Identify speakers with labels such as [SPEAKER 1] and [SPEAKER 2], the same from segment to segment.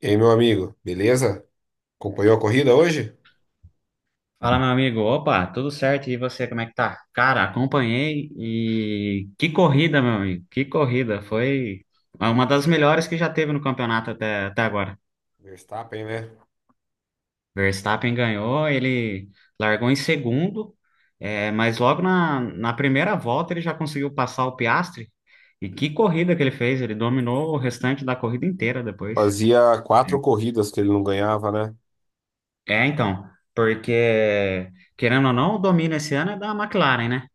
[SPEAKER 1] E aí, meu amigo, beleza? Acompanhou a corrida hoje?
[SPEAKER 2] Fala, meu amigo. Opa, tudo certo? E você, como é que tá? Cara, acompanhei e que corrida, meu amigo. Que corrida. Foi uma das melhores que já teve no campeonato até agora.
[SPEAKER 1] Verstappen, né?
[SPEAKER 2] Verstappen ganhou, ele largou em segundo, é, mas logo na primeira volta ele já conseguiu passar o Piastri. E que corrida que ele fez! Ele dominou o restante da corrida inteira depois.
[SPEAKER 1] Fazia quatro corridas que ele não ganhava, né?
[SPEAKER 2] É, então, porque querendo ou não, o domínio esse ano é da McLaren, né?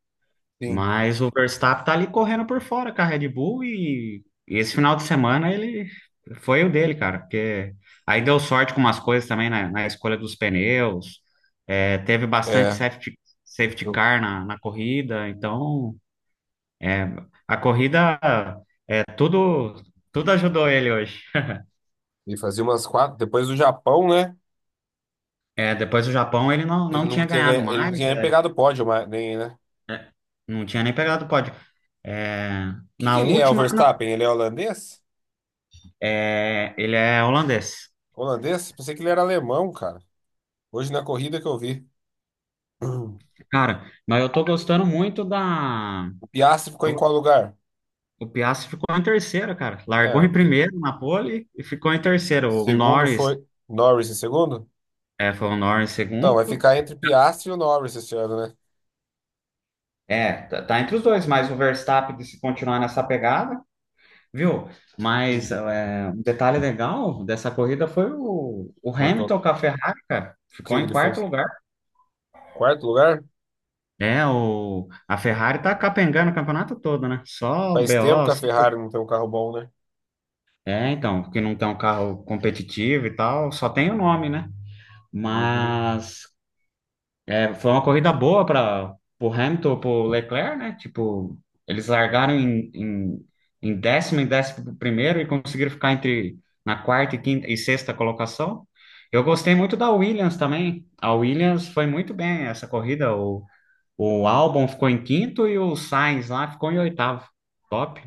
[SPEAKER 1] Sim.
[SPEAKER 2] Mas o Verstappen tá ali correndo por fora com a Red Bull e esse final de semana ele foi o dele, cara, porque aí deu sorte com umas coisas também na escolha dos pneus, é, teve bastante
[SPEAKER 1] É.
[SPEAKER 2] safety
[SPEAKER 1] eu-
[SPEAKER 2] car na corrida, então é, a corrida é tudo, tudo ajudou ele hoje.
[SPEAKER 1] E fazia umas quatro. Depois do Japão, né?
[SPEAKER 2] É, depois do Japão ele não,
[SPEAKER 1] Ele
[SPEAKER 2] não
[SPEAKER 1] nunca
[SPEAKER 2] tinha
[SPEAKER 1] tinha,
[SPEAKER 2] ganhado
[SPEAKER 1] ele não
[SPEAKER 2] mais,
[SPEAKER 1] tinha nem
[SPEAKER 2] é,
[SPEAKER 1] pegado pódio, mas, nem, né? O
[SPEAKER 2] não tinha nem pegado o pódio. É,
[SPEAKER 1] que que
[SPEAKER 2] na
[SPEAKER 1] ele é, o
[SPEAKER 2] última, não,
[SPEAKER 1] Verstappen? Ele é holandês?
[SPEAKER 2] é, ele é holandês.
[SPEAKER 1] Holandês? Pensei que ele era alemão, cara. Hoje na corrida que eu vi.
[SPEAKER 2] Cara, mas eu tô gostando muito da.
[SPEAKER 1] O Piastri ficou em
[SPEAKER 2] tô-
[SPEAKER 1] qual lugar?
[SPEAKER 2] O Piastri ficou em terceiro, cara. Largou
[SPEAKER 1] É, o
[SPEAKER 2] em
[SPEAKER 1] Pi-
[SPEAKER 2] primeiro na pole e ficou em terceiro. O
[SPEAKER 1] Segundo
[SPEAKER 2] Norris,
[SPEAKER 1] foi Norris em segundo?
[SPEAKER 2] é, foi o Norris em
[SPEAKER 1] Então, vai
[SPEAKER 2] segundo.
[SPEAKER 1] ficar entre Piastri e o Norris esse ano, né?
[SPEAKER 2] É, tá entre os dois, mas o Verstappen, se continuar nessa pegada, viu? Mas
[SPEAKER 1] Hum,
[SPEAKER 2] é, um detalhe legal dessa corrida foi o
[SPEAKER 1] Bortolão.
[SPEAKER 2] Hamilton com a Ferrari, cara.
[SPEAKER 1] O que
[SPEAKER 2] Ficou
[SPEAKER 1] que
[SPEAKER 2] em
[SPEAKER 1] ele
[SPEAKER 2] quarto
[SPEAKER 1] fez?
[SPEAKER 2] lugar.
[SPEAKER 1] Quarto lugar?
[SPEAKER 2] É, o, a Ferrari tá capengando o campeonato todo, né? Só
[SPEAKER 1] Faz tempo que
[SPEAKER 2] BO,
[SPEAKER 1] a
[SPEAKER 2] só
[SPEAKER 1] Ferrari não tem um carro bom, né?
[SPEAKER 2] é, então, porque não tem um carro competitivo e tal, só tem o nome, né?
[SPEAKER 1] Uhum.
[SPEAKER 2] Mas é, foi uma corrida boa para o Hamilton, para o Leclerc, né? Tipo, eles largaram em décimo e décimo primeiro e conseguiram ficar entre na quarta e quinta e sexta colocação. Eu gostei muito da Williams também. A Williams foi muito bem essa corrida. O Albon ficou em quinto e o Sainz lá ficou em oitavo. Top.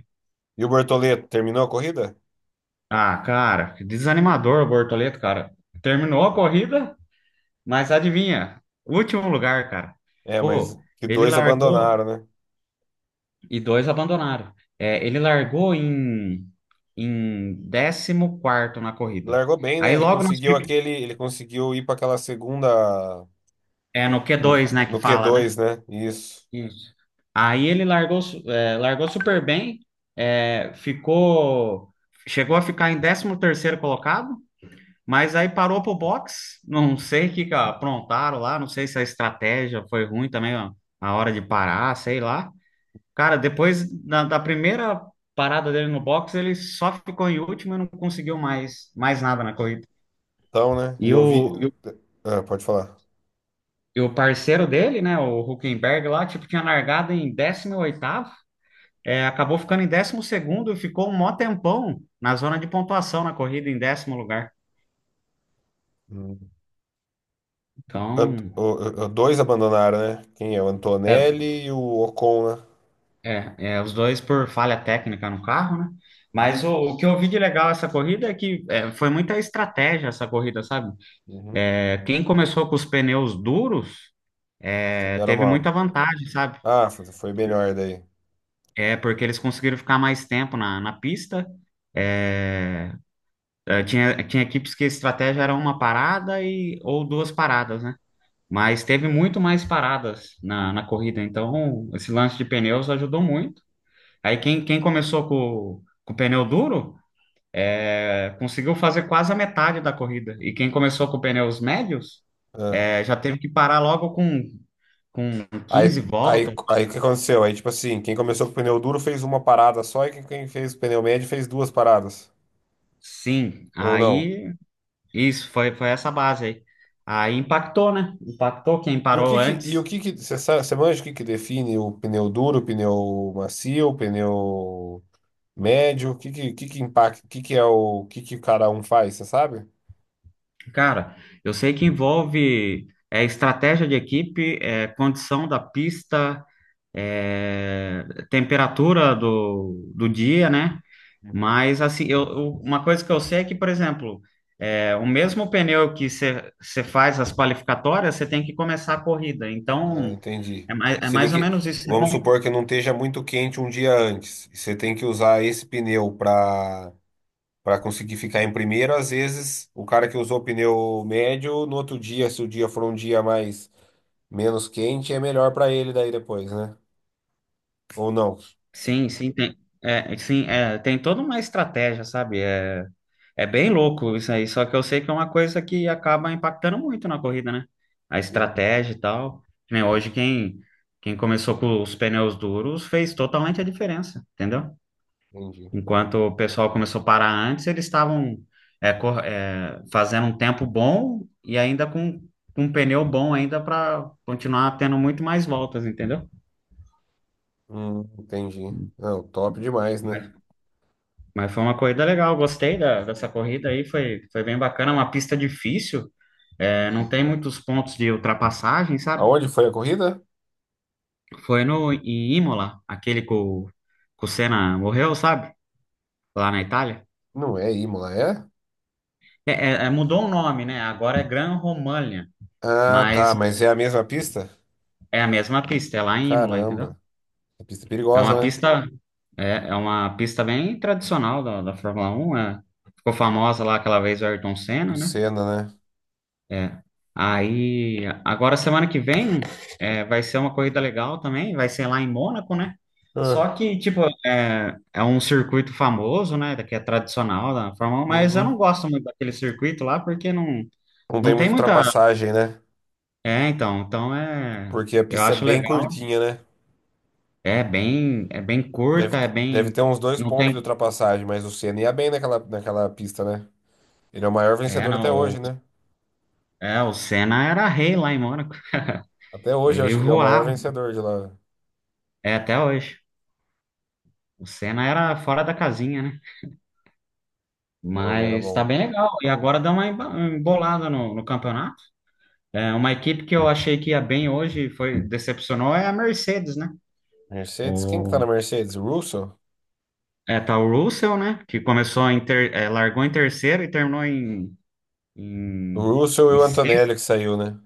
[SPEAKER 1] E o Bortoleto, terminou a corrida?
[SPEAKER 2] Ah, cara, que desanimador o Bortoleto, cara. Terminou a corrida, mas adivinha? Último lugar, cara.
[SPEAKER 1] É, mas
[SPEAKER 2] Pô,
[SPEAKER 1] que
[SPEAKER 2] ele
[SPEAKER 1] dois abandonaram,
[SPEAKER 2] largou
[SPEAKER 1] né?
[SPEAKER 2] e dois abandonaram. É, ele largou em décimo quarto na corrida.
[SPEAKER 1] Largou bem, né?
[SPEAKER 2] Aí
[SPEAKER 1] Ele
[SPEAKER 2] logo nas,
[SPEAKER 1] conseguiu aquele, ele conseguiu ir para aquela segunda
[SPEAKER 2] é no q
[SPEAKER 1] no,
[SPEAKER 2] dois, né, que
[SPEAKER 1] no
[SPEAKER 2] fala, né?
[SPEAKER 1] Q2, né? Isso.
[SPEAKER 2] Isso. Aí ele largou super bem, é, ficou, chegou a ficar em décimo terceiro colocado, mas aí parou pro boxe, não sei o que que aprontaram lá, não sei se a estratégia foi ruim também, ó, a hora de parar, sei lá. Cara, depois da primeira parada dele no boxe, ele só ficou em último e não conseguiu mais, mais nada na corrida.
[SPEAKER 1] Então, né? E
[SPEAKER 2] E
[SPEAKER 1] eu vi,
[SPEAKER 2] o, e o,
[SPEAKER 1] ah, pode falar.
[SPEAKER 2] e o parceiro dele, né, o Huckenberg lá, tipo, tinha largado em décimo oitavo, é, acabou ficando em décimo segundo e ficou um mó tempão na zona de pontuação na corrida, em décimo lugar.
[SPEAKER 1] Hum. Ant-
[SPEAKER 2] Então,
[SPEAKER 1] o- Dois abandonaram, né? Quem é? O
[SPEAKER 2] é,
[SPEAKER 1] Antonelli e o Ocon, né?
[SPEAKER 2] é, é, os dois por falha técnica no carro, né? Mas o que eu vi de legal essa corrida é que é, foi muita estratégia essa corrida, sabe?
[SPEAKER 1] Uhum.
[SPEAKER 2] É, quem começou com os pneus duros
[SPEAKER 1] Se
[SPEAKER 2] é,
[SPEAKER 1] deram
[SPEAKER 2] teve muita
[SPEAKER 1] mal.
[SPEAKER 2] vantagem, sabe?
[SPEAKER 1] Ah, foi melhor daí.
[SPEAKER 2] É porque eles conseguiram ficar mais tempo na pista. É, é, tinha equipes que a estratégia era uma parada e, ou duas paradas, né? Mas teve muito mais paradas na corrida, então esse lance de pneus ajudou muito. Aí quem começou com o pneu duro é, conseguiu fazer quase a metade da corrida. E quem começou com pneus médios
[SPEAKER 1] Ah.
[SPEAKER 2] é, já teve que parar logo com quinze
[SPEAKER 1] Aí, aí,
[SPEAKER 2] voltas.
[SPEAKER 1] aí o que aconteceu? Aí, tipo assim, quem começou com pneu duro fez uma parada só e quem fez pneu médio fez duas paradas.
[SPEAKER 2] Sim,
[SPEAKER 1] Ou não?
[SPEAKER 2] aí isso foi, foi essa base aí. Aí impactou, né? Impactou quem
[SPEAKER 1] E o que
[SPEAKER 2] parou
[SPEAKER 1] que, e o
[SPEAKER 2] antes.
[SPEAKER 1] que que, você sabe, você manja o que que define o pneu duro, o pneu macio, o pneu médio? O que que impacta, o que que é o que que cada um faz, você sabe?
[SPEAKER 2] Cara, eu sei que envolve é, estratégia de equipe, é, condição da pista, é, temperatura do dia, né?
[SPEAKER 1] Uhum.
[SPEAKER 2] Mas, assim, uma coisa que eu sei é que, por exemplo, é, o mesmo pneu que você faz as qualificatórias, você tem que começar a corrida.
[SPEAKER 1] Ah,
[SPEAKER 2] Então,
[SPEAKER 1] entendi.
[SPEAKER 2] é
[SPEAKER 1] Se ele
[SPEAKER 2] mais ou
[SPEAKER 1] que...
[SPEAKER 2] menos isso.
[SPEAKER 1] Vamos supor que não esteja muito quente um dia antes, e você tem que usar esse pneu para conseguir ficar em primeiro. Às vezes, o cara que usou o pneu médio, no outro dia, se o dia for um dia mais menos quente, é melhor para ele daí depois, né? Ou não?
[SPEAKER 2] Sim, sim, tem, é, sim, é, tem toda uma estratégia, sabe? É, é bem louco isso aí. Só que eu sei que é uma coisa que acaba impactando muito na corrida, né? A estratégia e tal. Que nem hoje, quem começou com os pneus duros fez totalmente a diferença, entendeu?
[SPEAKER 1] Entendi.
[SPEAKER 2] Enquanto o pessoal começou a parar antes, eles estavam é, cor- é, fazendo um tempo bom e ainda com um pneu bom ainda para continuar tendo muito mais voltas, entendeu?
[SPEAKER 1] Entendi. Não, top demais, né?
[SPEAKER 2] Mas, mas foi uma corrida legal, gostei dessa corrida aí, foi, foi bem bacana, é uma pista difícil, é, não tem muitos pontos de ultrapassagem, sabe?
[SPEAKER 1] Aonde foi a corrida?
[SPEAKER 2] Foi no em Imola, aquele que o Senna morreu, sabe? Lá na Itália.
[SPEAKER 1] Não é Imola, é?
[SPEAKER 2] É, mudou o nome, né? Agora é Gran Romagna.
[SPEAKER 1] Ah, tá,
[SPEAKER 2] Mas
[SPEAKER 1] mas é a mesma pista?
[SPEAKER 2] é a mesma pista, é lá em Imola, entendeu?
[SPEAKER 1] Caramba, a pista é
[SPEAKER 2] É uma
[SPEAKER 1] perigosa, né?
[SPEAKER 2] pista, é, é uma pista bem tradicional da Fórmula Um, é. Ficou famosa lá aquela vez o Ayrton
[SPEAKER 1] Do
[SPEAKER 2] Senna, né?
[SPEAKER 1] Senna,
[SPEAKER 2] É. Aí, agora semana que vem é, vai ser uma corrida legal também, vai ser lá em Mônaco, né?
[SPEAKER 1] né?
[SPEAKER 2] Só que, tipo, é, é um circuito famoso, né? Que é tradicional da Fórmula 1, mas eu não
[SPEAKER 1] Uhum.
[SPEAKER 2] gosto muito daquele circuito lá porque não,
[SPEAKER 1] Não tem
[SPEAKER 2] não tem
[SPEAKER 1] muita
[SPEAKER 2] muita.
[SPEAKER 1] ultrapassagem, né?
[SPEAKER 2] É, então, então é.
[SPEAKER 1] Porque a
[SPEAKER 2] Eu
[SPEAKER 1] pista é
[SPEAKER 2] acho
[SPEAKER 1] bem
[SPEAKER 2] legal.
[SPEAKER 1] curtinha, né?
[SPEAKER 2] É bem
[SPEAKER 1] Deve,
[SPEAKER 2] curta, é
[SPEAKER 1] deve
[SPEAKER 2] bem,
[SPEAKER 1] ter uns dois
[SPEAKER 2] não
[SPEAKER 1] pontos de
[SPEAKER 2] tem,
[SPEAKER 1] ultrapassagem, mas o Senna ia bem naquela pista, né? Ele é o maior
[SPEAKER 2] é
[SPEAKER 1] vencedor até
[SPEAKER 2] não,
[SPEAKER 1] hoje,
[SPEAKER 2] o-
[SPEAKER 1] né?
[SPEAKER 2] é o Senna era rei lá em Mônaco,
[SPEAKER 1] Até hoje eu
[SPEAKER 2] ele
[SPEAKER 1] acho que ele é o maior
[SPEAKER 2] voava,
[SPEAKER 1] vencedor de lá.
[SPEAKER 2] é até hoje. O Senna era fora da casinha, né?
[SPEAKER 1] Não, ele era
[SPEAKER 2] Mas tá
[SPEAKER 1] bom.
[SPEAKER 2] bem legal. E agora dá uma emba- embolada no campeonato. É uma equipe que eu achei que ia bem hoje, foi decepcionou é a Mercedes, né?
[SPEAKER 1] Mercedes? Quem que tá
[SPEAKER 2] O
[SPEAKER 1] na Mercedes? O Russell?
[SPEAKER 2] é tá o Russell, né? Que começou em ter, é, largou em terceiro e terminou em
[SPEAKER 1] O
[SPEAKER 2] em,
[SPEAKER 1] Russell e
[SPEAKER 2] em
[SPEAKER 1] o
[SPEAKER 2] sexto.
[SPEAKER 1] Antonelli que saiu, né?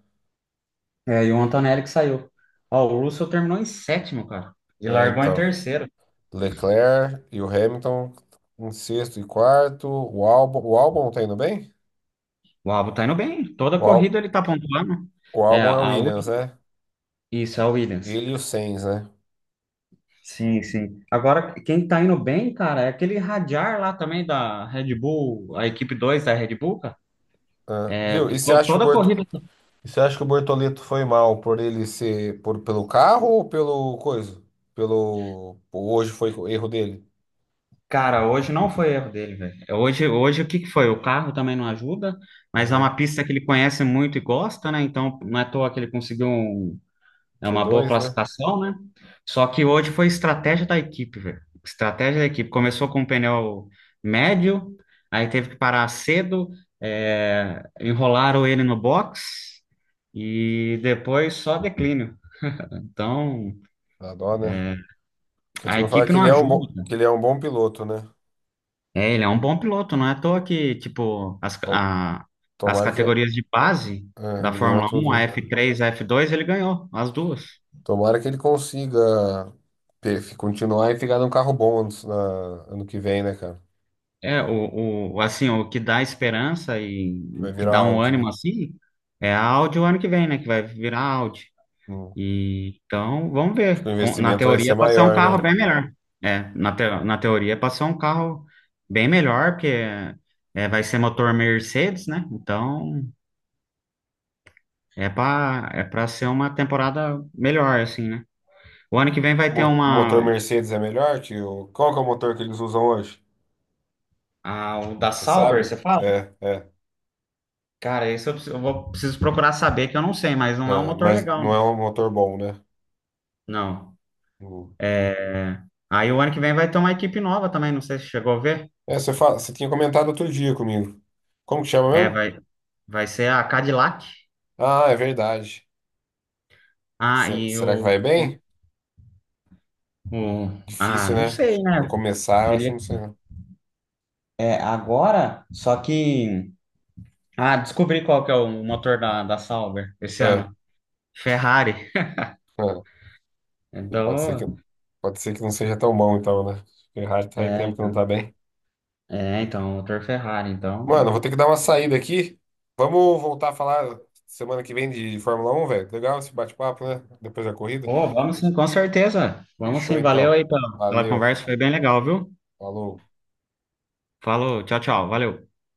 [SPEAKER 2] É, e o Antonelli que saiu. Ó, o Russell terminou em sétimo, cara. E
[SPEAKER 1] É,
[SPEAKER 2] largou em
[SPEAKER 1] então.
[SPEAKER 2] terceiro.
[SPEAKER 1] Leclerc e o Hamilton em sexto e quarto. O Albon tá indo bem?
[SPEAKER 2] O Albon tá indo bem. Toda
[SPEAKER 1] O, Al,
[SPEAKER 2] corrida ele tá pontuando.
[SPEAKER 1] o
[SPEAKER 2] É,
[SPEAKER 1] Albon é o
[SPEAKER 2] a
[SPEAKER 1] Williams,
[SPEAKER 2] última.
[SPEAKER 1] né?
[SPEAKER 2] Isso, é o Williams.
[SPEAKER 1] Ele e o Sainz, né?
[SPEAKER 2] Sim, sim. Agora, quem tá indo bem, cara, é aquele Radjar lá também da Red Bull, a equipe 2 da Red Bull, cara.
[SPEAKER 1] Ah,
[SPEAKER 2] É,
[SPEAKER 1] viu?
[SPEAKER 2] to-
[SPEAKER 1] E você
[SPEAKER 2] to-
[SPEAKER 1] acha que o
[SPEAKER 2] toda
[SPEAKER 1] Borto...
[SPEAKER 2] corrida.
[SPEAKER 1] e você acha que o Bortoleto foi mal por ele ser por, pelo carro ou pelo coisa? Pelo hoje foi o erro dele?
[SPEAKER 2] Cara, hoje não foi erro dele, velho. É, hoje, hoje o que que foi? O carro também não ajuda, mas é uma
[SPEAKER 1] Aham.
[SPEAKER 2] pista que ele conhece muito e gosta, né? Então, não é à toa que ele conseguiu um é uma boa
[SPEAKER 1] Q2, né?
[SPEAKER 2] classificação, né? Só que hoje foi estratégia da equipe, velho. Estratégia da equipe. Começou com um pneu médio, aí teve que parar cedo, é, enrolaram ele no box e depois só declínio. Então,
[SPEAKER 1] Dá dó, né? Porque
[SPEAKER 2] a
[SPEAKER 1] tu me fala
[SPEAKER 2] equipe
[SPEAKER 1] que
[SPEAKER 2] não
[SPEAKER 1] ele é um
[SPEAKER 2] ajuda,
[SPEAKER 1] bom,
[SPEAKER 2] cara.
[SPEAKER 1] que ele é um bom piloto, né?
[SPEAKER 2] É, ele é um bom piloto, não é à toa que, tipo, as,
[SPEAKER 1] Bom,
[SPEAKER 2] a- as
[SPEAKER 1] tomara que
[SPEAKER 2] categorias de base
[SPEAKER 1] é,
[SPEAKER 2] da
[SPEAKER 1] ele ganhou
[SPEAKER 2] Fórmula Um,
[SPEAKER 1] tudo,
[SPEAKER 2] a
[SPEAKER 1] né?
[SPEAKER 2] F3, a F2, ele ganhou as duas.
[SPEAKER 1] Tomara que ele consiga continuar e ficar num carro bom ano, ano que vem, né, cara?
[SPEAKER 2] É, o, assim, o que dá esperança e
[SPEAKER 1] Vai
[SPEAKER 2] o que
[SPEAKER 1] virar
[SPEAKER 2] dá um
[SPEAKER 1] Audi,
[SPEAKER 2] ânimo
[SPEAKER 1] né?
[SPEAKER 2] assim é a Audi o ano que vem, né? Que vai virar Audi.
[SPEAKER 1] Hum.
[SPEAKER 2] E, então, vamos
[SPEAKER 1] Acho que o
[SPEAKER 2] ver. Com- na
[SPEAKER 1] investimento vai ser
[SPEAKER 2] teoria, pode ser um
[SPEAKER 1] maior,
[SPEAKER 2] carro
[SPEAKER 1] né?
[SPEAKER 2] bem melhor. É, na teoria, pode ser um carro bem melhor, porque é, vai ser motor Mercedes, né? Então, é para é para ser uma temporada melhor, assim, né? O ano que vem vai ter
[SPEAKER 1] O motor
[SPEAKER 2] uma.
[SPEAKER 1] Mercedes é melhor que o. Qual que é o motor que eles usam hoje?
[SPEAKER 2] A, o da
[SPEAKER 1] Você
[SPEAKER 2] Sauber,
[SPEAKER 1] sabe?
[SPEAKER 2] você fala?
[SPEAKER 1] É, é.
[SPEAKER 2] Cara, isso eu, preciso- eu vou, preciso procurar saber, que eu não sei, mas não é um
[SPEAKER 1] Ah,
[SPEAKER 2] motor
[SPEAKER 1] mas
[SPEAKER 2] legal.
[SPEAKER 1] não é um motor bom, né?
[SPEAKER 2] Não.
[SPEAKER 1] O-
[SPEAKER 2] É, aí o ano que vem vai ter uma equipe nova também, não sei se chegou a ver.
[SPEAKER 1] É, você fala... você tinha comentado outro dia comigo. Como que chama
[SPEAKER 2] É,
[SPEAKER 1] mesmo?
[SPEAKER 2] vai ser a Cadillac.
[SPEAKER 1] Ah, é verdade.
[SPEAKER 2] Ah, e
[SPEAKER 1] Será que vai bem?
[SPEAKER 2] o... Ah,
[SPEAKER 1] Difícil,
[SPEAKER 2] não
[SPEAKER 1] né?
[SPEAKER 2] sei,
[SPEAKER 1] Pra
[SPEAKER 2] né?
[SPEAKER 1] começar, eu acho que
[SPEAKER 2] Teria...
[SPEAKER 1] não sei. Não.
[SPEAKER 2] É, agora, só que... Ah, descobri qual que é o motor da Sauber esse
[SPEAKER 1] Ah,
[SPEAKER 2] ano. Ferrari.
[SPEAKER 1] ah, pode ser que...
[SPEAKER 2] Então,
[SPEAKER 1] pode ser que não seja tão bom, então, né? Ferrari faz
[SPEAKER 2] é,
[SPEAKER 1] tempo que não tá bem.
[SPEAKER 2] é, então, motor Ferrari.
[SPEAKER 1] Mano, eu
[SPEAKER 2] Então,
[SPEAKER 1] vou ter que dar uma saída aqui. Vamos voltar a falar semana que vem de Fórmula Um, velho. Legal esse bate-papo, né? Depois da corrida.
[SPEAKER 2] pô, vamos sim, com certeza. Vamos
[SPEAKER 1] Fechou,
[SPEAKER 2] sim, valeu
[SPEAKER 1] então.
[SPEAKER 2] aí pela
[SPEAKER 1] Valeu.
[SPEAKER 2] conversa, foi bem legal, viu?
[SPEAKER 1] Falou.
[SPEAKER 2] Falou, tchau, tchau, valeu.